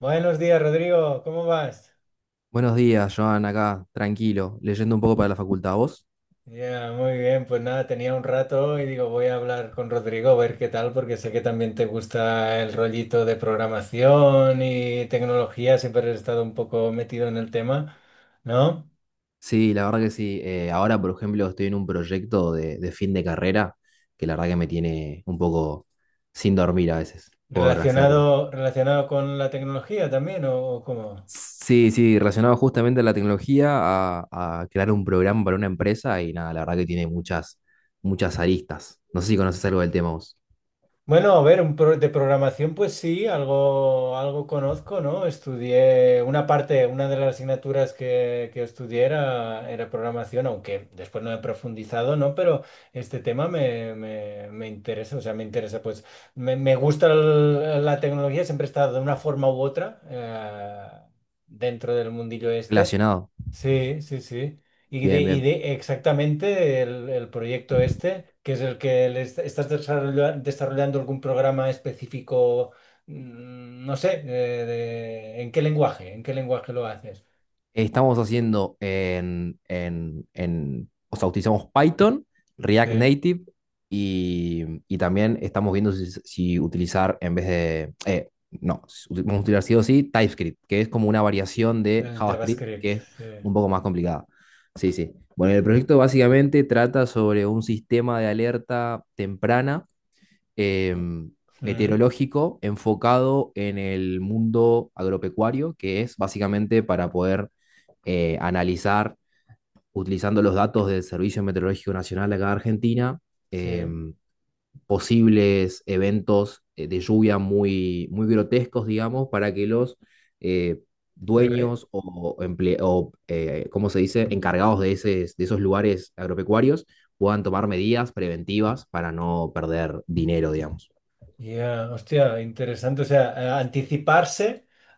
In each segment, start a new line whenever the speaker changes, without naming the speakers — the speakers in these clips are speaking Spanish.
Buenos días, Rodrigo, ¿cómo vas?
Buenos días, Joan, acá, tranquilo, leyendo un poco para la facultad. ¿Vos?
Ya, muy bien, pues nada, tenía un rato y digo, voy a hablar con Rodrigo a ver qué tal, porque sé que también te gusta el rollito de programación y tecnología, siempre has estado un poco metido en el tema, ¿no?
Sí, la verdad que sí. Ahora, por ejemplo, estoy en un proyecto de fin de carrera que la verdad que me tiene un poco sin dormir a veces por hacerlo.
¿Relacionado, relacionado con la tecnología también o cómo?
Sí, sí, relacionado justamente a la tecnología, a crear un programa para una empresa y nada, la verdad que tiene muchas aristas. No sé si conoces algo del tema vos.
Bueno, a ver, de programación, pues sí, algo, algo conozco, ¿no? Estudié una parte, una de las asignaturas que estudié era programación, aunque después no he profundizado, ¿no? Pero este tema me interesa, o sea, me interesa, pues me gusta la tecnología, siempre he estado de una forma u otra dentro del mundillo este.
Relacionado.
Sí, sí, sí. Y de,
Bien,
y
bien.
de exactamente el proyecto este, que es el que le est- estás desarrolla- desarrollando algún programa específico, no sé, ¿en qué lenguaje? ¿En qué lenguaje lo haces?
Estamos haciendo o sea, utilizamos Python, React
Sí,
Native y también estamos viendo si utilizar en vez de, no, si uti- vamos a utilizar sí o sí TypeScript, que es como una variación de
en
JavaScript
JavaScript.
que es
Sí.
un poco más complicada. Sí, sí. Bueno, el proyecto básicamente trata sobre un sistema de alerta temprana eh,
Mm,
meteorológico, enfocado en el mundo agropecuario, que es básicamente para poder analizar, utilizando los datos del Servicio Meteorológico Nacional acá de Argentina, eh,
sí.
posibles eventos de lluvia muy grotescos, digamos, para que los eh, dueños ¿cómo se dice?, encargados de esos lugares agropecuarios puedan tomar medidas preventivas para no perder dinero, digamos.
Ya, hostia, interesante. O sea, anticiparse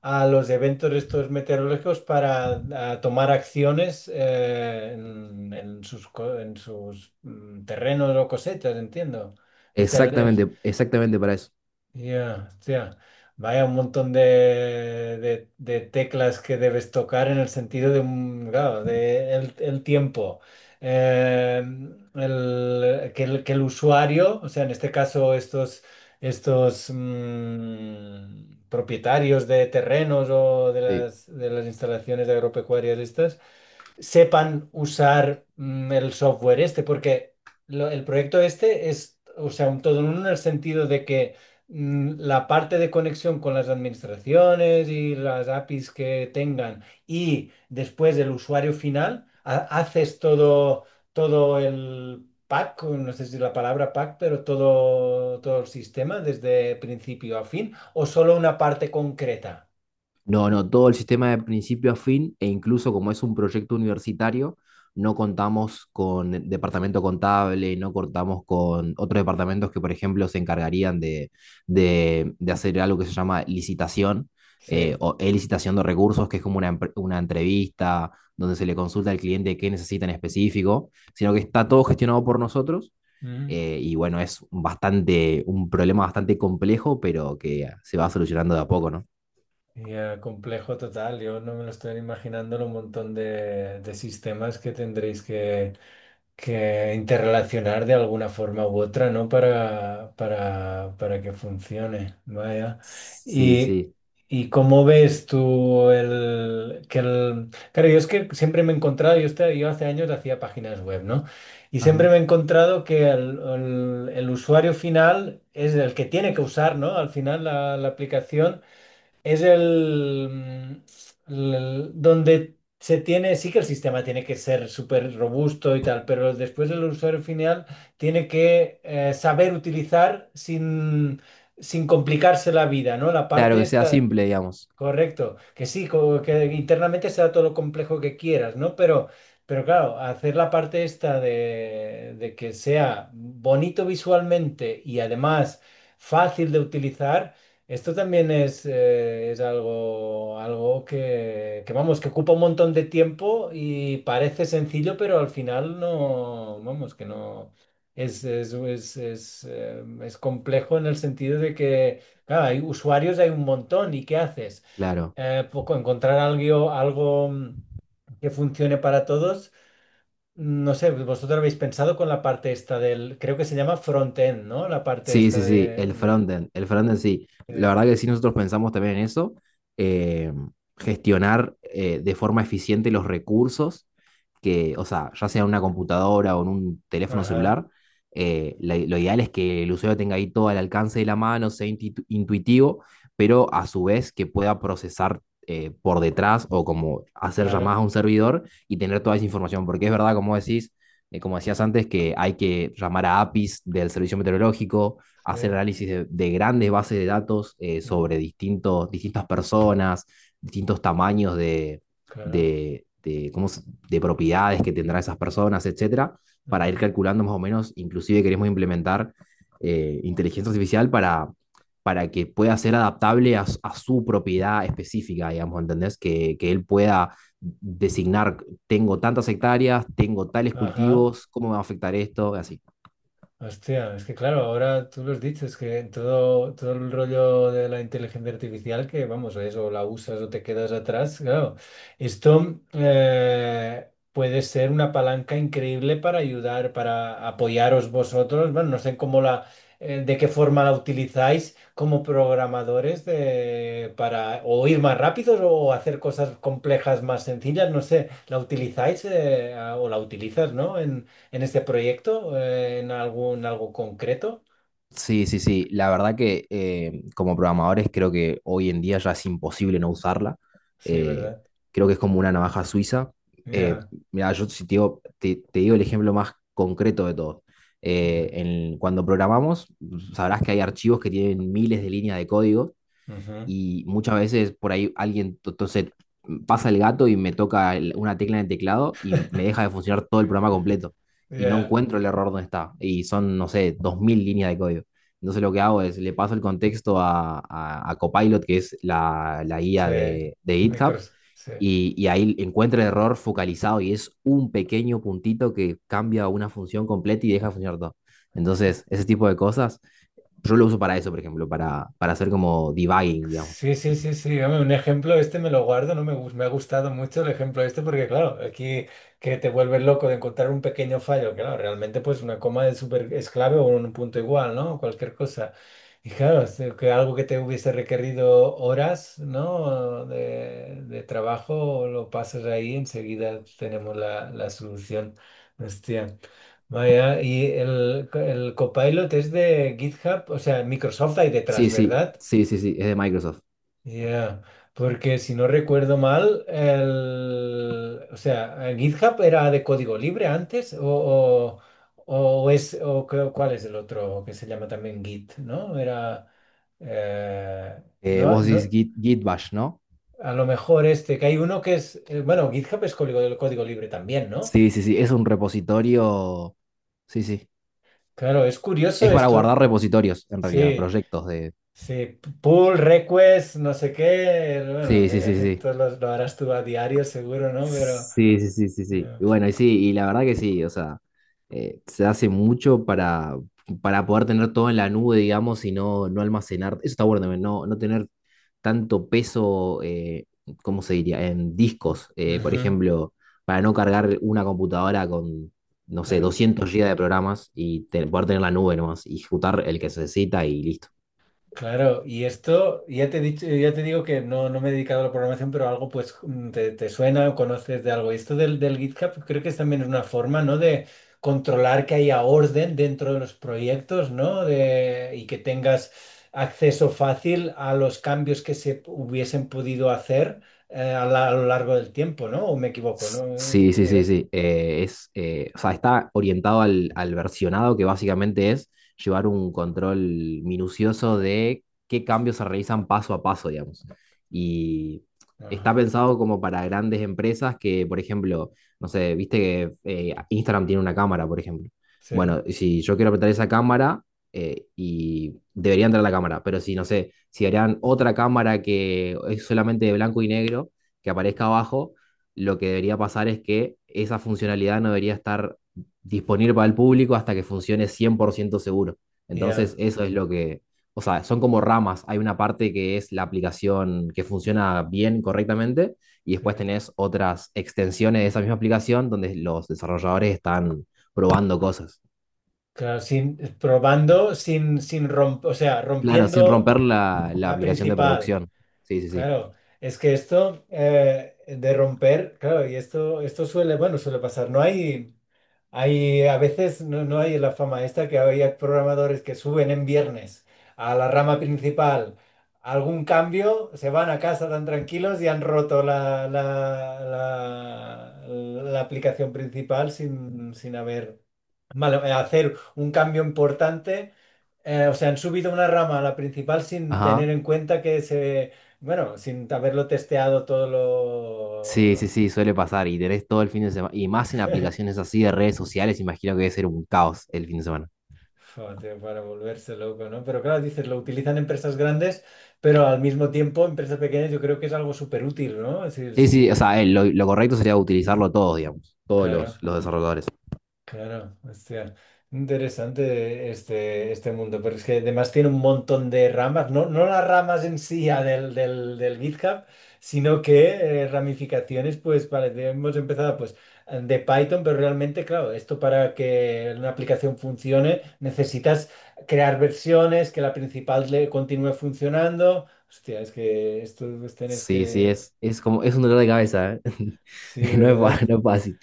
a los eventos estos meteorológicos para a tomar acciones en, en sus terrenos o cosechas, entiendo. Este, el
Exactamente, exactamente para eso.
Ya, hostia. Vaya, un montón de, de teclas que debes tocar en el sentido de, claro, de el tiempo. Eh, que el usuario, o sea, en este caso estos, estos propietarios de terrenos o
Sí.
de las instalaciones agropecuarias estas, sepan usar el software este, porque el proyecto este es, o sea, un todo en uno en el sentido de que la parte de conexión con las administraciones y las APIs que tengan y después el usuario final, haces todo, todo el pack, o no sé si es la palabra pack, pero todo, todo el sistema desde principio a fin, o solo una parte concreta.
No, no, todo el sistema de principio a fin e incluso como es un proyecto universitario, no contamos con el departamento contable, no contamos con otros departamentos que, por ejemplo, se encargarían de hacer algo que se llama licitación
Sí.
o licitación de recursos, que es como una entrevista donde se le consulta al cliente qué necesita en específico, sino que está todo gestionado por nosotros. Y bueno, es bastante, un problema bastante complejo, pero que se va solucionando de a poco, ¿no?
Ya, complejo total. Yo no me lo estoy imaginando lo montón de sistemas que tendréis que interrelacionar de alguna forma u otra, ¿no? Para que funcione. Vaya.
Sí,
Y,
sí.
y cómo ves tú que el... Claro, yo es que siempre me he encontrado, yo, yo hace años hacía páginas web, ¿no? Y siempre
Ajá.
me he encontrado que el usuario final es el que tiene que usar, ¿no? Al final la la aplicación. Es donde se tiene, sí que el sistema tiene que ser súper robusto y tal, pero después el usuario final tiene que saber utilizar sin complicarse la vida, ¿no? La
Claro,
parte
que sea
esta.
simple, digamos.
Correcto, que sí, que internamente sea todo lo complejo que quieras, ¿no? Pero claro, hacer la parte esta de que sea bonito visualmente y además fácil de utilizar, esto también es algo, algo que, vamos, que ocupa un montón de tiempo y parece sencillo, pero al final no, vamos, que no, es complejo en el sentido de que, claro, hay usuarios, hay un montón, ¿y qué haces?
Claro.
Encontrar algo, algo que funcione para todos. No sé, vosotros habéis pensado con la parte esta del, creo que se llama front-end, ¿no? La parte
Sí,
esta
sí, sí. El frontend. El frontend sí. La
de-
verdad que sí, nosotros pensamos también en eso. Eh, gestionar de forma eficiente los recursos que, o sea, ya sea en una computadora o en un teléfono
Ajá,
celular, lo ideal es que el usuario tenga ahí todo al alcance de la mano, sea intuitivo, pero a su vez que pueda procesar por detrás o como hacer llamadas
claro,
a un servidor y tener toda esa información, porque es verdad, como decís, como decías antes, que hay que llamar a APIs del servicio meteorológico,
sí,
hacer análisis de grandes bases de datos sobre
ujú,
distintas personas, distintos tamaños
claro,
de, cómo de propiedades que tendrán esas personas, etcétera, para ir
ujú,
calculando más o menos. Inclusive queremos implementar inteligencia artificial para que pueda ser adaptable a, a su propiedad específica, digamos, ¿entendés? Que él pueda designar, tengo tantas hectáreas, tengo tales
ajá.
cultivos, ¿cómo me va a afectar esto? Y así.
Hostia, es que claro, ahora tú lo has dicho, es que todo, todo el rollo de la inteligencia artificial, que vamos, es o la usas o te quedas atrás, claro, esto puede ser una palanca increíble para ayudar, para apoyaros vosotros, bueno, no sé cómo de qué forma la utilizáis como programadores de, para o ir más rápidos o hacer cosas complejas más sencillas, no sé, la utilizáis o la utilizas, ¿no? En este proyecto, en algún algo concreto.
Sí, sí, sí. La verdad que como programadores creo que hoy en día ya es imposible no usarla.
Sí,
Eh,
¿verdad?
Creo que es como una navaja suiza. Eh,
Ya,
Mira, yo si te digo, te digo el ejemplo más concreto de todo.
ya.
Cuando programamos, sabrás que hay archivos que tienen miles de líneas de código
Ujú.
y muchas veces por ahí entonces pasa el gato y me toca una tecla en el teclado y me deja de funcionar todo el programa completo y no
Ya,
encuentro el error donde está y son, no sé, 2000 líneas de código. Entonces lo que hago es, le paso el contexto a Copilot, que es la
sí.
guía de GitHub,
Micros, sí.
y ahí encuentra el error focalizado y es un pequeño puntito que cambia una función completa y deja de funcionar todo. Entonces, ese tipo de cosas, yo lo uso para eso, por ejemplo, para hacer como debugging, digamos.
Sí, sí, sí, sí. Hombre, un ejemplo este me lo guardo, no me, me ha gustado mucho el ejemplo este porque, claro, aquí que te vuelves loco de encontrar un pequeño fallo, claro, realmente pues una coma es súper es clave o un punto igual, ¿no? Cualquier cosa. Y claro, es de que algo que te hubiese requerido horas, ¿no? De trabajo, lo pasas ahí, enseguida tenemos la solución. Hostia. Vaya, y el Copilot es de GitHub, o sea, Microsoft hay detrás,
Sí, sí,
¿verdad?
sí, sí, sí, es de Microsoft.
Ya, porque si no recuerdo mal, el, o sea, el GitHub era de código libre antes o es, cuál es el otro que se llama también Git, ¿no? Era, eh, no,
Vos decís
no,
Git, Git Bash, ¿no?
a lo mejor este, que hay uno que es, bueno, GitHub es código, código libre también, ¿no?
Sí, sí, sí, es un repositorio. Sí, sí.
Claro, es curioso
Es para
esto.
guardar repositorios, en realidad,
Sí,
proyectos de.
sí, pull, request, no sé qué, bueno,
Sí, sí,
que
sí, sí.
tú lo harás tú a diario seguro, ¿no? Pero...
Sí, sí, sí, sí, sí. Y bueno, y sí, y la verdad que sí, o sea, se hace mucho para poder tener todo en la nube, digamos, y no, no almacenar. Eso está bueno también, no, no tener tanto peso, ¿cómo se diría? En discos, por
Ujú,
ejemplo, para no cargar una computadora con, no sé,
claro,
200 GB de programas y poder tener la nube nomás, y ejecutar el que se necesita y listo.
claro. Y esto, ya te he dicho, ya te digo que no, no me he dedicado a la programación, pero algo pues te, te suena o conoces de algo. Y esto del GitHub creo que es también una forma, ¿no? De controlar que haya orden dentro de los proyectos, ¿no? De, y que tengas acceso fácil a los cambios que se hubiesen podido hacer a lo largo del tiempo, ¿no? ¿O me equivoco,
Sí,
¿no?
sí, sí, sí. Es, o sea, está orientado al versionado, que básicamente es llevar un control minucioso de qué cambios se realizan paso a paso, digamos. Y está
Ajá,
pensado como para grandes empresas que, por ejemplo, no sé, viste que Instagram tiene una cámara, por ejemplo.
sí,
Bueno, si yo quiero apretar esa cámara, y debería entrar la cámara, pero si, no sé, si harían otra cámara que es solamente de blanco y negro, que aparezca abajo. Lo que debería pasar es que esa funcionalidad no debería estar disponible para el público hasta que funcione 100% seguro. Entonces,
ya,
eso es lo que, o sea, son como ramas. Hay una parte que es la aplicación que funciona bien, correctamente, y
sí.
después tenés otras extensiones de esa misma aplicación donde los desarrolladores están probando cosas.
Claro, sin, probando sin, sin romper, o sea,
Claro, sin
rompiendo
romper la
la
aplicación de
principal.
producción. Sí, sí, sí.
Claro, es que esto de romper, claro, y esto suele, bueno, suele pasar. No hay, hay, a veces no, no hay la fama esta que había programadores que suben en viernes a la rama principal algún cambio, se van a casa tan tranquilos y han roto la aplicación principal sin haber vale, hacer un cambio importante, o sea, han subido una rama a la principal sin tener
Ajá.
en cuenta que se, bueno, sin haberlo testeado todo
Sí, sí,
lo...
sí, suele pasar y tenés todo el fin de semana, y más en aplicaciones así de redes sociales, imagino que debe ser un caos el fin de semana.
Joder, para volverse loco, ¿no? Pero claro, dices, lo utilizan empresas grandes, pero al mismo tiempo empresas pequeñas yo creo que es algo súper útil, ¿no? Es decir,
Sí, sí, o
sí,
sea, lo correcto sería utilizarlo todos, digamos, todos
claro.
los desarrolladores.
Claro, hostia, interesante este, este mundo, pero es que además tiene un montón de ramas, no, no las ramas en sí ya del GitHub, sino que ramificaciones, pues vale, hemos empezado pues de Python, pero realmente, claro, esto para que una aplicación funcione necesitas crear versiones, que la principal le continúe funcionando. Hostia, es que esto pues, tenés
Sí, sí,
que...
es como, es un dolor de cabeza, ¿eh?
Sí,
No es,
¿verdad?
no es fácil.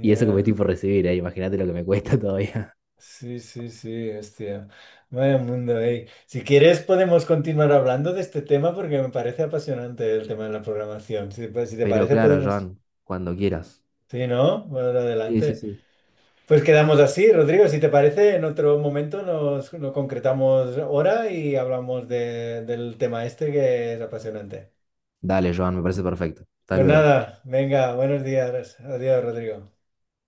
Y eso que me estoy por recibir, ¿eh? Imagínate lo que me cuesta todavía.
Sí, sí, sí, hostia. Vaya mundo, ey. Si quieres podemos continuar hablando de este tema porque me parece apasionante el tema de la programación. Si, pues, si te
Pero
parece
claro,
podemos...
Joan, cuando quieras.
Sí, ¿no? Bueno,
Sí, sí,
adelante.
sí.
Pues quedamos así, Rodrigo. Si te parece, en otro momento nos, nos concretamos hora y hablamos del tema este que es apasionante.
Dale, Joan, me parece perfecto. Hasta
Pues
luego.
nada, venga, buenos días. Adiós, Rodrigo.